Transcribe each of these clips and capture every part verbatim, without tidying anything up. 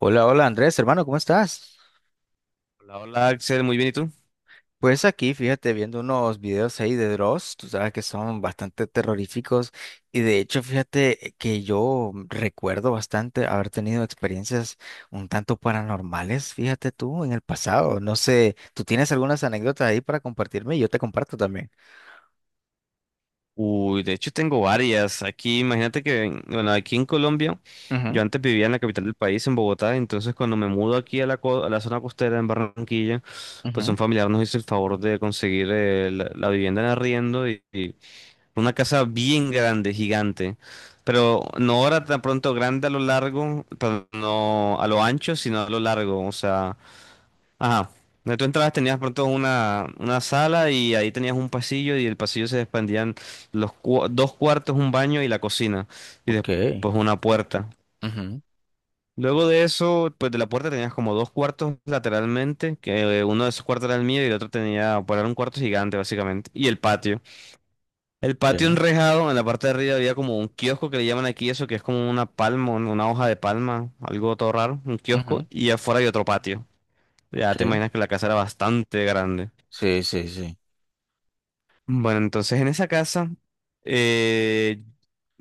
Hola, hola Andrés, hermano, ¿cómo estás? Hola, hola Axel, muy bien, ¿y tú? Pues aquí, fíjate, viendo unos videos ahí de Dross, tú sabes que son bastante terroríficos y de hecho, fíjate que yo recuerdo bastante haber tenido experiencias un tanto paranormales, fíjate tú, en el pasado. No sé, ¿tú tienes algunas anécdotas ahí para compartirme? Y Yo te comparto también. Uy, de hecho tengo varias. Aquí, imagínate que, en- bueno, aquí en Colombia, Ujú, yo antes vivía en la capital del país, en Bogotá. Entonces cuando me mudo aquí a la, co- a la zona costera, en Barranquilla, pues un ujú, familiar nos hizo el favor de conseguir eh, la, la vivienda en arriendo, y, y una casa bien grande, gigante, pero no ahora tan pronto grande a lo largo, pero no a lo ancho, sino a lo largo, o sea... Ajá. Donde tú entrabas tenías pronto una, una sala y ahí tenías un pasillo, y el pasillo se expandían los cua- dos cuartos, un baño y la cocina, y ok, después una puerta. ujú, Luego de eso, pues de la puerta tenías como dos cuartos lateralmente, que eh, uno de esos cuartos era el mío y el otro tenía, pues era un cuarto gigante básicamente, y el patio. El patio ok, enrejado, en la parte de arriba había como un kiosco que le llaman aquí eso, que es como una palma, un- una hoja de palma, algo todo raro, un kiosco, ujú, y afuera hay otro patio. Ya ok, te imaginas que la casa era bastante grande. sí, sí, sí, Bueno, entonces en esa casa eh,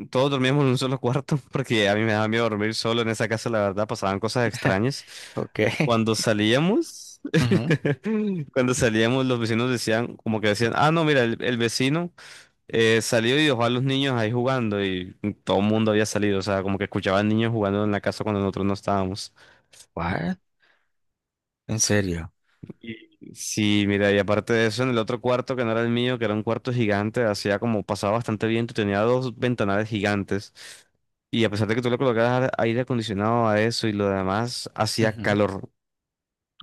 todos dormíamos en un solo cuarto porque a mí me daba miedo dormir solo en esa casa, la verdad, pasaban cosas extrañas. ok, Cuando salíamos, ujú, cuando salíamos los vecinos decían, como que decían, ah, no, mira, el, el vecino eh, salió y dejó a los niños ahí jugando, y todo el mundo había salido, o sea, como que escuchaban niños jugando en la casa cuando nosotros no estábamos. what? ¿En serio? Y- Sí, mira, y aparte de eso, en el otro cuarto que no era el mío, que era un cuarto gigante, hacía como pasaba bastante viento, y tenía dos ventanales gigantes. Y a pesar de que tú le colocabas aire acondicionado a eso y lo demás, hacía calor,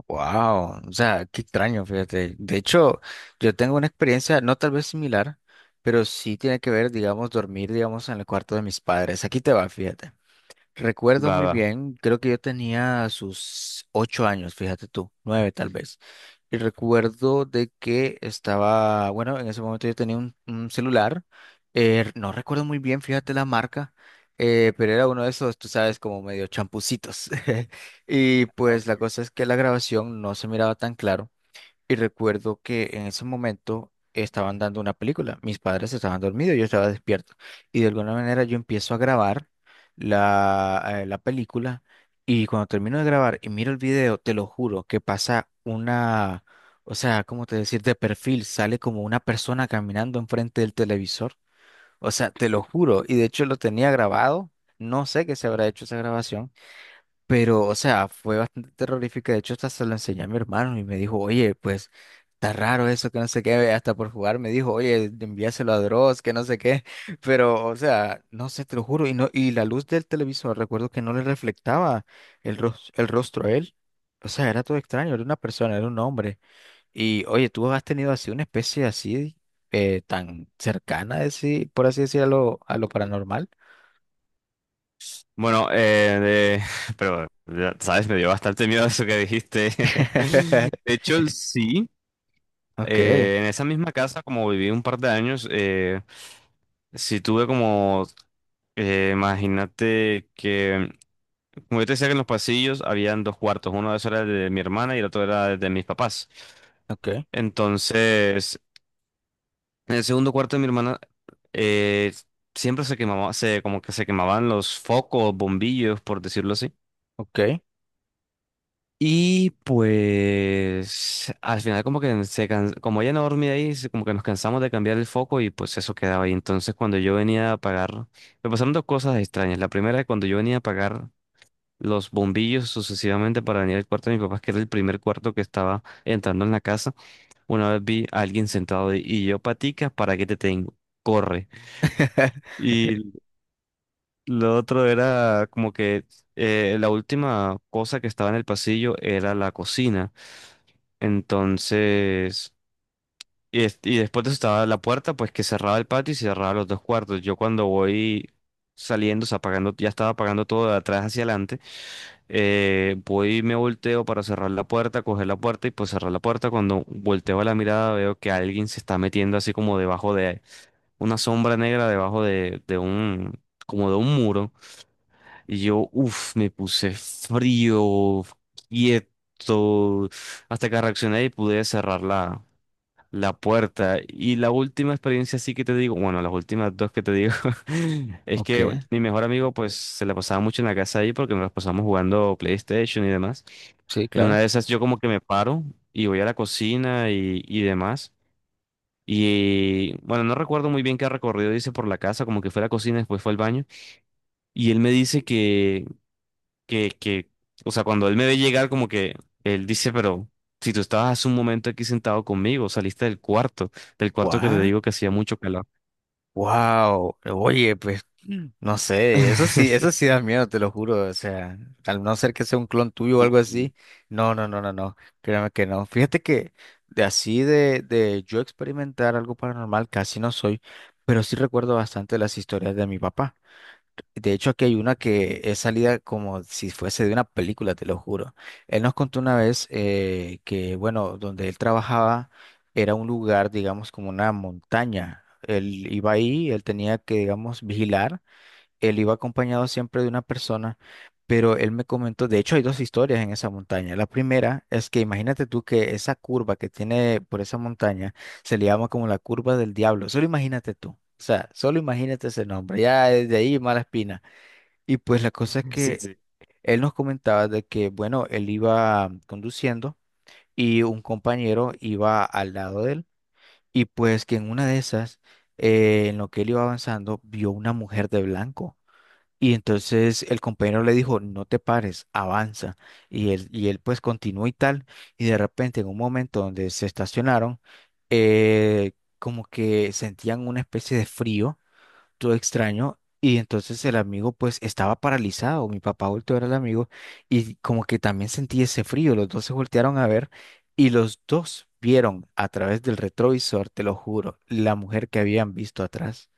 Wow, o sea, qué extraño, fíjate. De hecho, yo tengo una experiencia, no tal vez similar, pero sí tiene que ver, digamos, dormir, digamos, en el cuarto de mis padres. Aquí te va, fíjate. Recuerdo muy baba. bien, creo que yo tenía sus ocho años, fíjate tú, nueve tal vez. Y recuerdo de que estaba, bueno, en ese momento yo tenía un, un celular, eh, no recuerdo muy bien, fíjate la marca, eh, pero era uno de esos, tú sabes, como medio champucitos. Y Ah, ok. pues la cosa es que la grabación no se miraba tan claro. Y recuerdo que en ese momento estaban dando una película. Mis padres estaban dormidos, yo estaba despierto. Y de alguna manera yo empiezo a grabar la, eh, la película. Y cuando termino de grabar y miro el video, te lo juro que pasa una, o sea, ¿cómo te decir? De perfil sale como una persona caminando enfrente del televisor. O sea, te lo juro. Y de hecho lo tenía grabado. No sé qué se habrá hecho esa grabación pero, o sea, fue bastante terrorífica. De hecho, hasta se lo enseñé a mi hermano y me dijo, oye, pues, está raro eso, que no sé qué. Hasta por jugar me dijo, oye, envíaselo a Dross, que no sé qué. Pero, o sea, no sé, te lo juro. Y, no, y la luz del televisor, recuerdo que no le reflectaba el, ros- el rostro a él. O sea, era todo extraño, era una persona, era un hombre. Y, oye, tú has tenido así una especie así, eh, tan cercana, así, por así decirlo, a lo paranormal. Bueno, eh, de- pero, ya ¿sabes? Me dio bastante miedo eso que dijiste. De hecho, sí, Ok, eh, en esa misma casa, como viví un par de años, eh, sí tuve como, eh, imagínate que como yo te decía que en los pasillos habían dos cuartos, uno de esos era el de mi hermana y el otro era el de mis papás. ok, Entonces, en el segundo cuarto de mi hermana eh, siempre se quemaba, se, como que se quemaban los focos, bombillos, por decirlo así. ok. Y pues al final como que se can- como ella no dormía ahí, se- como que nos cansamos de cambiar el foco y pues eso quedaba ahí. Entonces cuando yo venía a apagar, me pasaron dos cosas extrañas. La primera es cuando yo venía a apagar los bombillos sucesivamente para venir al cuarto de mis papás, que era el primer cuarto que estaba entrando en la casa. Una vez vi a alguien sentado y y yo, patica, ¿para qué te tengo? Corre. Y lo otro era como que eh, la última cosa que estaba en el pasillo era la cocina. Entonces, y, es- y después de eso estaba la puerta, pues que cerraba el patio y cerraba los dos cuartos. Yo cuando voy saliendo, o sea, apagando, ya estaba apagando todo de atrás hacia adelante. Eh, voy y me volteo para cerrar la puerta, coger la puerta y pues cerrar la puerta. Cuando volteo la mirada veo que alguien se está metiendo así como debajo de una sombra negra, debajo de, de un, como de un muro. Y yo, uff, me puse frío, quieto, hasta que reaccioné y pude cerrarla la puerta. Y la última experiencia sí que te digo, bueno, las últimas dos que te digo, es Ok, que mi mejor amigo pues se la pasaba mucho en la casa ahí porque nos la pasamos jugando PlayStation y demás. sí, En una claro. de esas yo como que me paro y voy a la cocina, y, y demás. Y bueno, no recuerdo muy bien qué recorrido hice por la casa, como que fue a la cocina, después fue al baño. Y él me dice que que, que, o sea, cuando él me ve llegar, como que él dice, pero si tú estabas hace un momento aquí sentado conmigo, saliste del cuarto, del cuarto que te What? digo que hacía mucho calor. Wow. Oye, pues mm, no sé, eso sí, eso sí da miedo, te lo juro. O sea, al no ser que sea un clon tuyo o algo así, Uy. no, no, no, no, no. Créeme que no. Fíjate que de así de, de yo experimentar algo paranormal casi no soy, pero sí recuerdo bastante las historias de mi papá. De hecho, aquí hay una que es salida como si fuese de una película, te lo juro. Él nos contó una vez eh, que, bueno, donde él trabajaba era un lugar, digamos, como una montaña. Él iba ahí, él tenía que, digamos, vigilar. Él iba acompañado siempre de una persona, pero él me comentó, de hecho, hay dos historias en esa montaña. La primera es que imagínate tú que esa curva que tiene por esa montaña se le llama como la curva del diablo. Solo imagínate tú. O sea, solo imagínate ese nombre, ya desde ahí mala espina. Y pues la cosa es Sí, que sí. él nos comentaba de que, bueno, él iba conduciendo y un compañero iba al lado de él. Y pues que en una de esas, eh, en lo que él iba avanzando, vio una mujer de blanco. Y entonces el compañero le dijo, no te pares, avanza. Y él, y él pues continuó y tal. Y de repente en un momento donde se estacionaron, eh, como que sentían una especie de frío todo extraño. Y entonces el amigo pues estaba paralizado, mi papá volteó a ver al amigo y como que también sentí ese frío, los dos se voltearon a ver y los dos vieron a través del retrovisor, te lo juro, la mujer que habían visto atrás.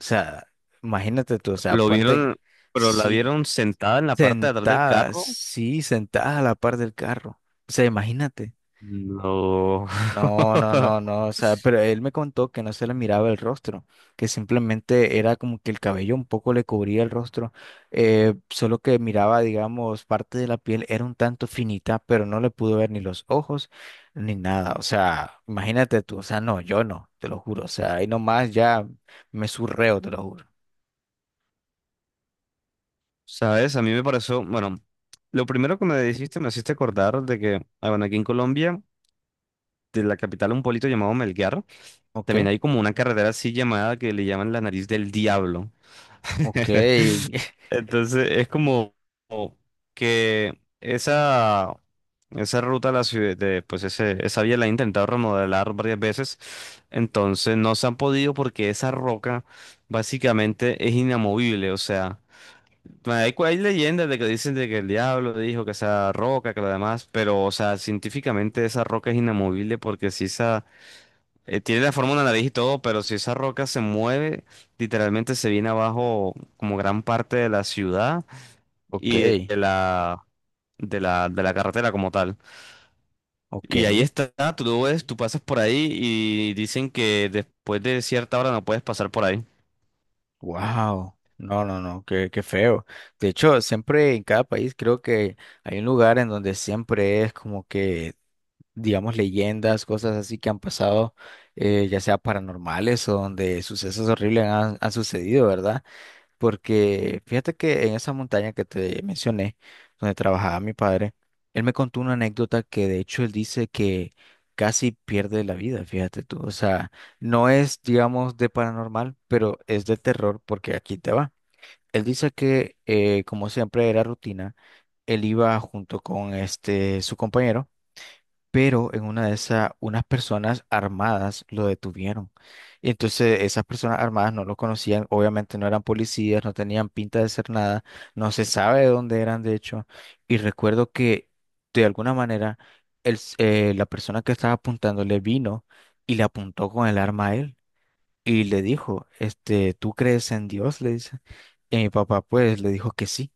O sea, imagínate tú, o sea, Lo ponte en- vieron, pero la sí, vieron sentada en la parte de atrás del sentada, carro. sí, sentada a la par del carro. O sea, imagínate. No. No, no, no, no, o sea, pero él me contó que no se le miraba el rostro, que simplemente era como que el cabello un poco le cubría el rostro, eh, solo que miraba, digamos, parte de la piel era un tanto finita, pero no le pudo ver ni los ojos ni nada, o sea, imagínate tú, o sea, no, yo no, te lo juro, o sea, ahí nomás ya me surreo, te lo juro. ¿Sabes? A mí me pareció, bueno, lo primero que me dijiste me hiciste acordar de que, ah, bueno, aquí en Colombia, de la capital, un pueblito llamado Melgar, Ok, también hay como una carretera así llamada que le llaman la nariz del diablo. ok, Entonces es como como que esa, esa ruta a la ciudad, de, pues ese, esa vía la han intentado remodelar varias veces, entonces no se han podido porque esa roca básicamente es inamovible, o sea, hay, cu- hay leyendas de que dicen de que el diablo dijo que esa roca, que lo demás, pero o sea, científicamente esa roca es inamovible porque si esa, eh, tiene la forma de una nariz y todo, pero si esa roca se mueve, literalmente se viene abajo como gran parte de la ciudad y ok, de la, de la, de la carretera como tal. ok. Y ahí está, tú lo ves, tú pasas por ahí y dicen que después de cierta hora no puedes pasar por ahí. Wow, no, no, no, qué, qué feo. De hecho, siempre en cada país creo que hay un lugar en donde siempre es como que, digamos, leyendas, cosas así que han pasado, eh, ya sea paranormales o donde sucesos horribles han, han sucedido, ¿verdad? Porque fíjate que en esa montaña que te mencioné, donde trabajaba mi padre, él me contó una anécdota que de hecho él dice que casi pierde la vida, fíjate tú. O sea, no es, digamos, de paranormal, pero es de terror porque aquí te va. Él dice que, eh, como siempre era rutina, él iba junto con este, su compañero pero en una de esas, unas personas armadas lo detuvieron. Y entonces esas personas armadas no lo conocían, obviamente no eran policías, no tenían pinta de ser nada, no se sabe de dónde eran, de hecho. Y recuerdo que de alguna manera el s- eh, la persona que estaba apuntándole vino y le apuntó con el arma a él y le dijo, este, ¿tú crees en Dios? Le dice. Y mi papá pues le dijo que sí.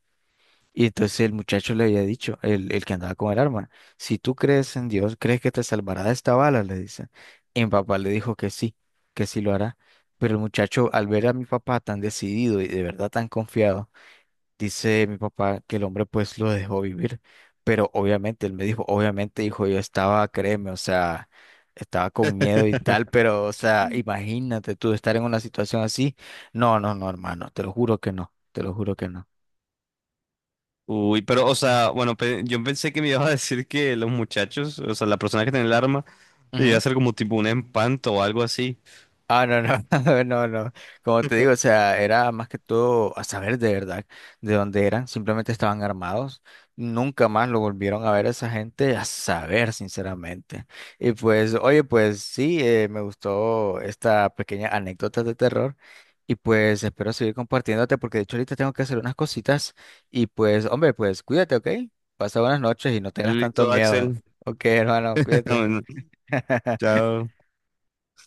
Y entonces el muchacho le había dicho, el, el que andaba con el arma, si tú crees en Dios, ¿crees que te salvará de esta bala? Le dice. Y mi papá le dijo que sí, que sí lo hará. Pero el muchacho, al ver a mi papá tan decidido y de verdad tan confiado, dice mi papá que el hombre pues lo dejó vivir. Pero obviamente, él me dijo, obviamente, hijo, yo estaba, créeme, o sea, estaba con miedo y tal, pero, o sea, imagínate tú estar en una situación así. No, no, no, hermano, te lo juro que no, te lo juro que no. Uy, pero, o sea, bueno, pe- yo pensé que me ibas a decir que los muchachos, o sea, la persona que tiene el arma, iba a ser como tipo un empanto o algo así. Ah, no, no, no, no. Como te digo, o sea, era más que todo a saber de verdad de dónde eran. Simplemente estaban armados. Nunca más lo volvieron a ver a esa gente, a saber, sinceramente. Y pues, oye, pues sí, eh, me gustó esta pequeña anécdota de terror. Y pues espero seguir compartiéndote porque de hecho ahorita tengo que hacer unas cositas. Y pues, hombre, pues cuídate, ¿ok? Pasa buenas noches y no Ya tengas tanto Listo, miedo. Axel. Ok, hermano, cuídate. Bueno, chao.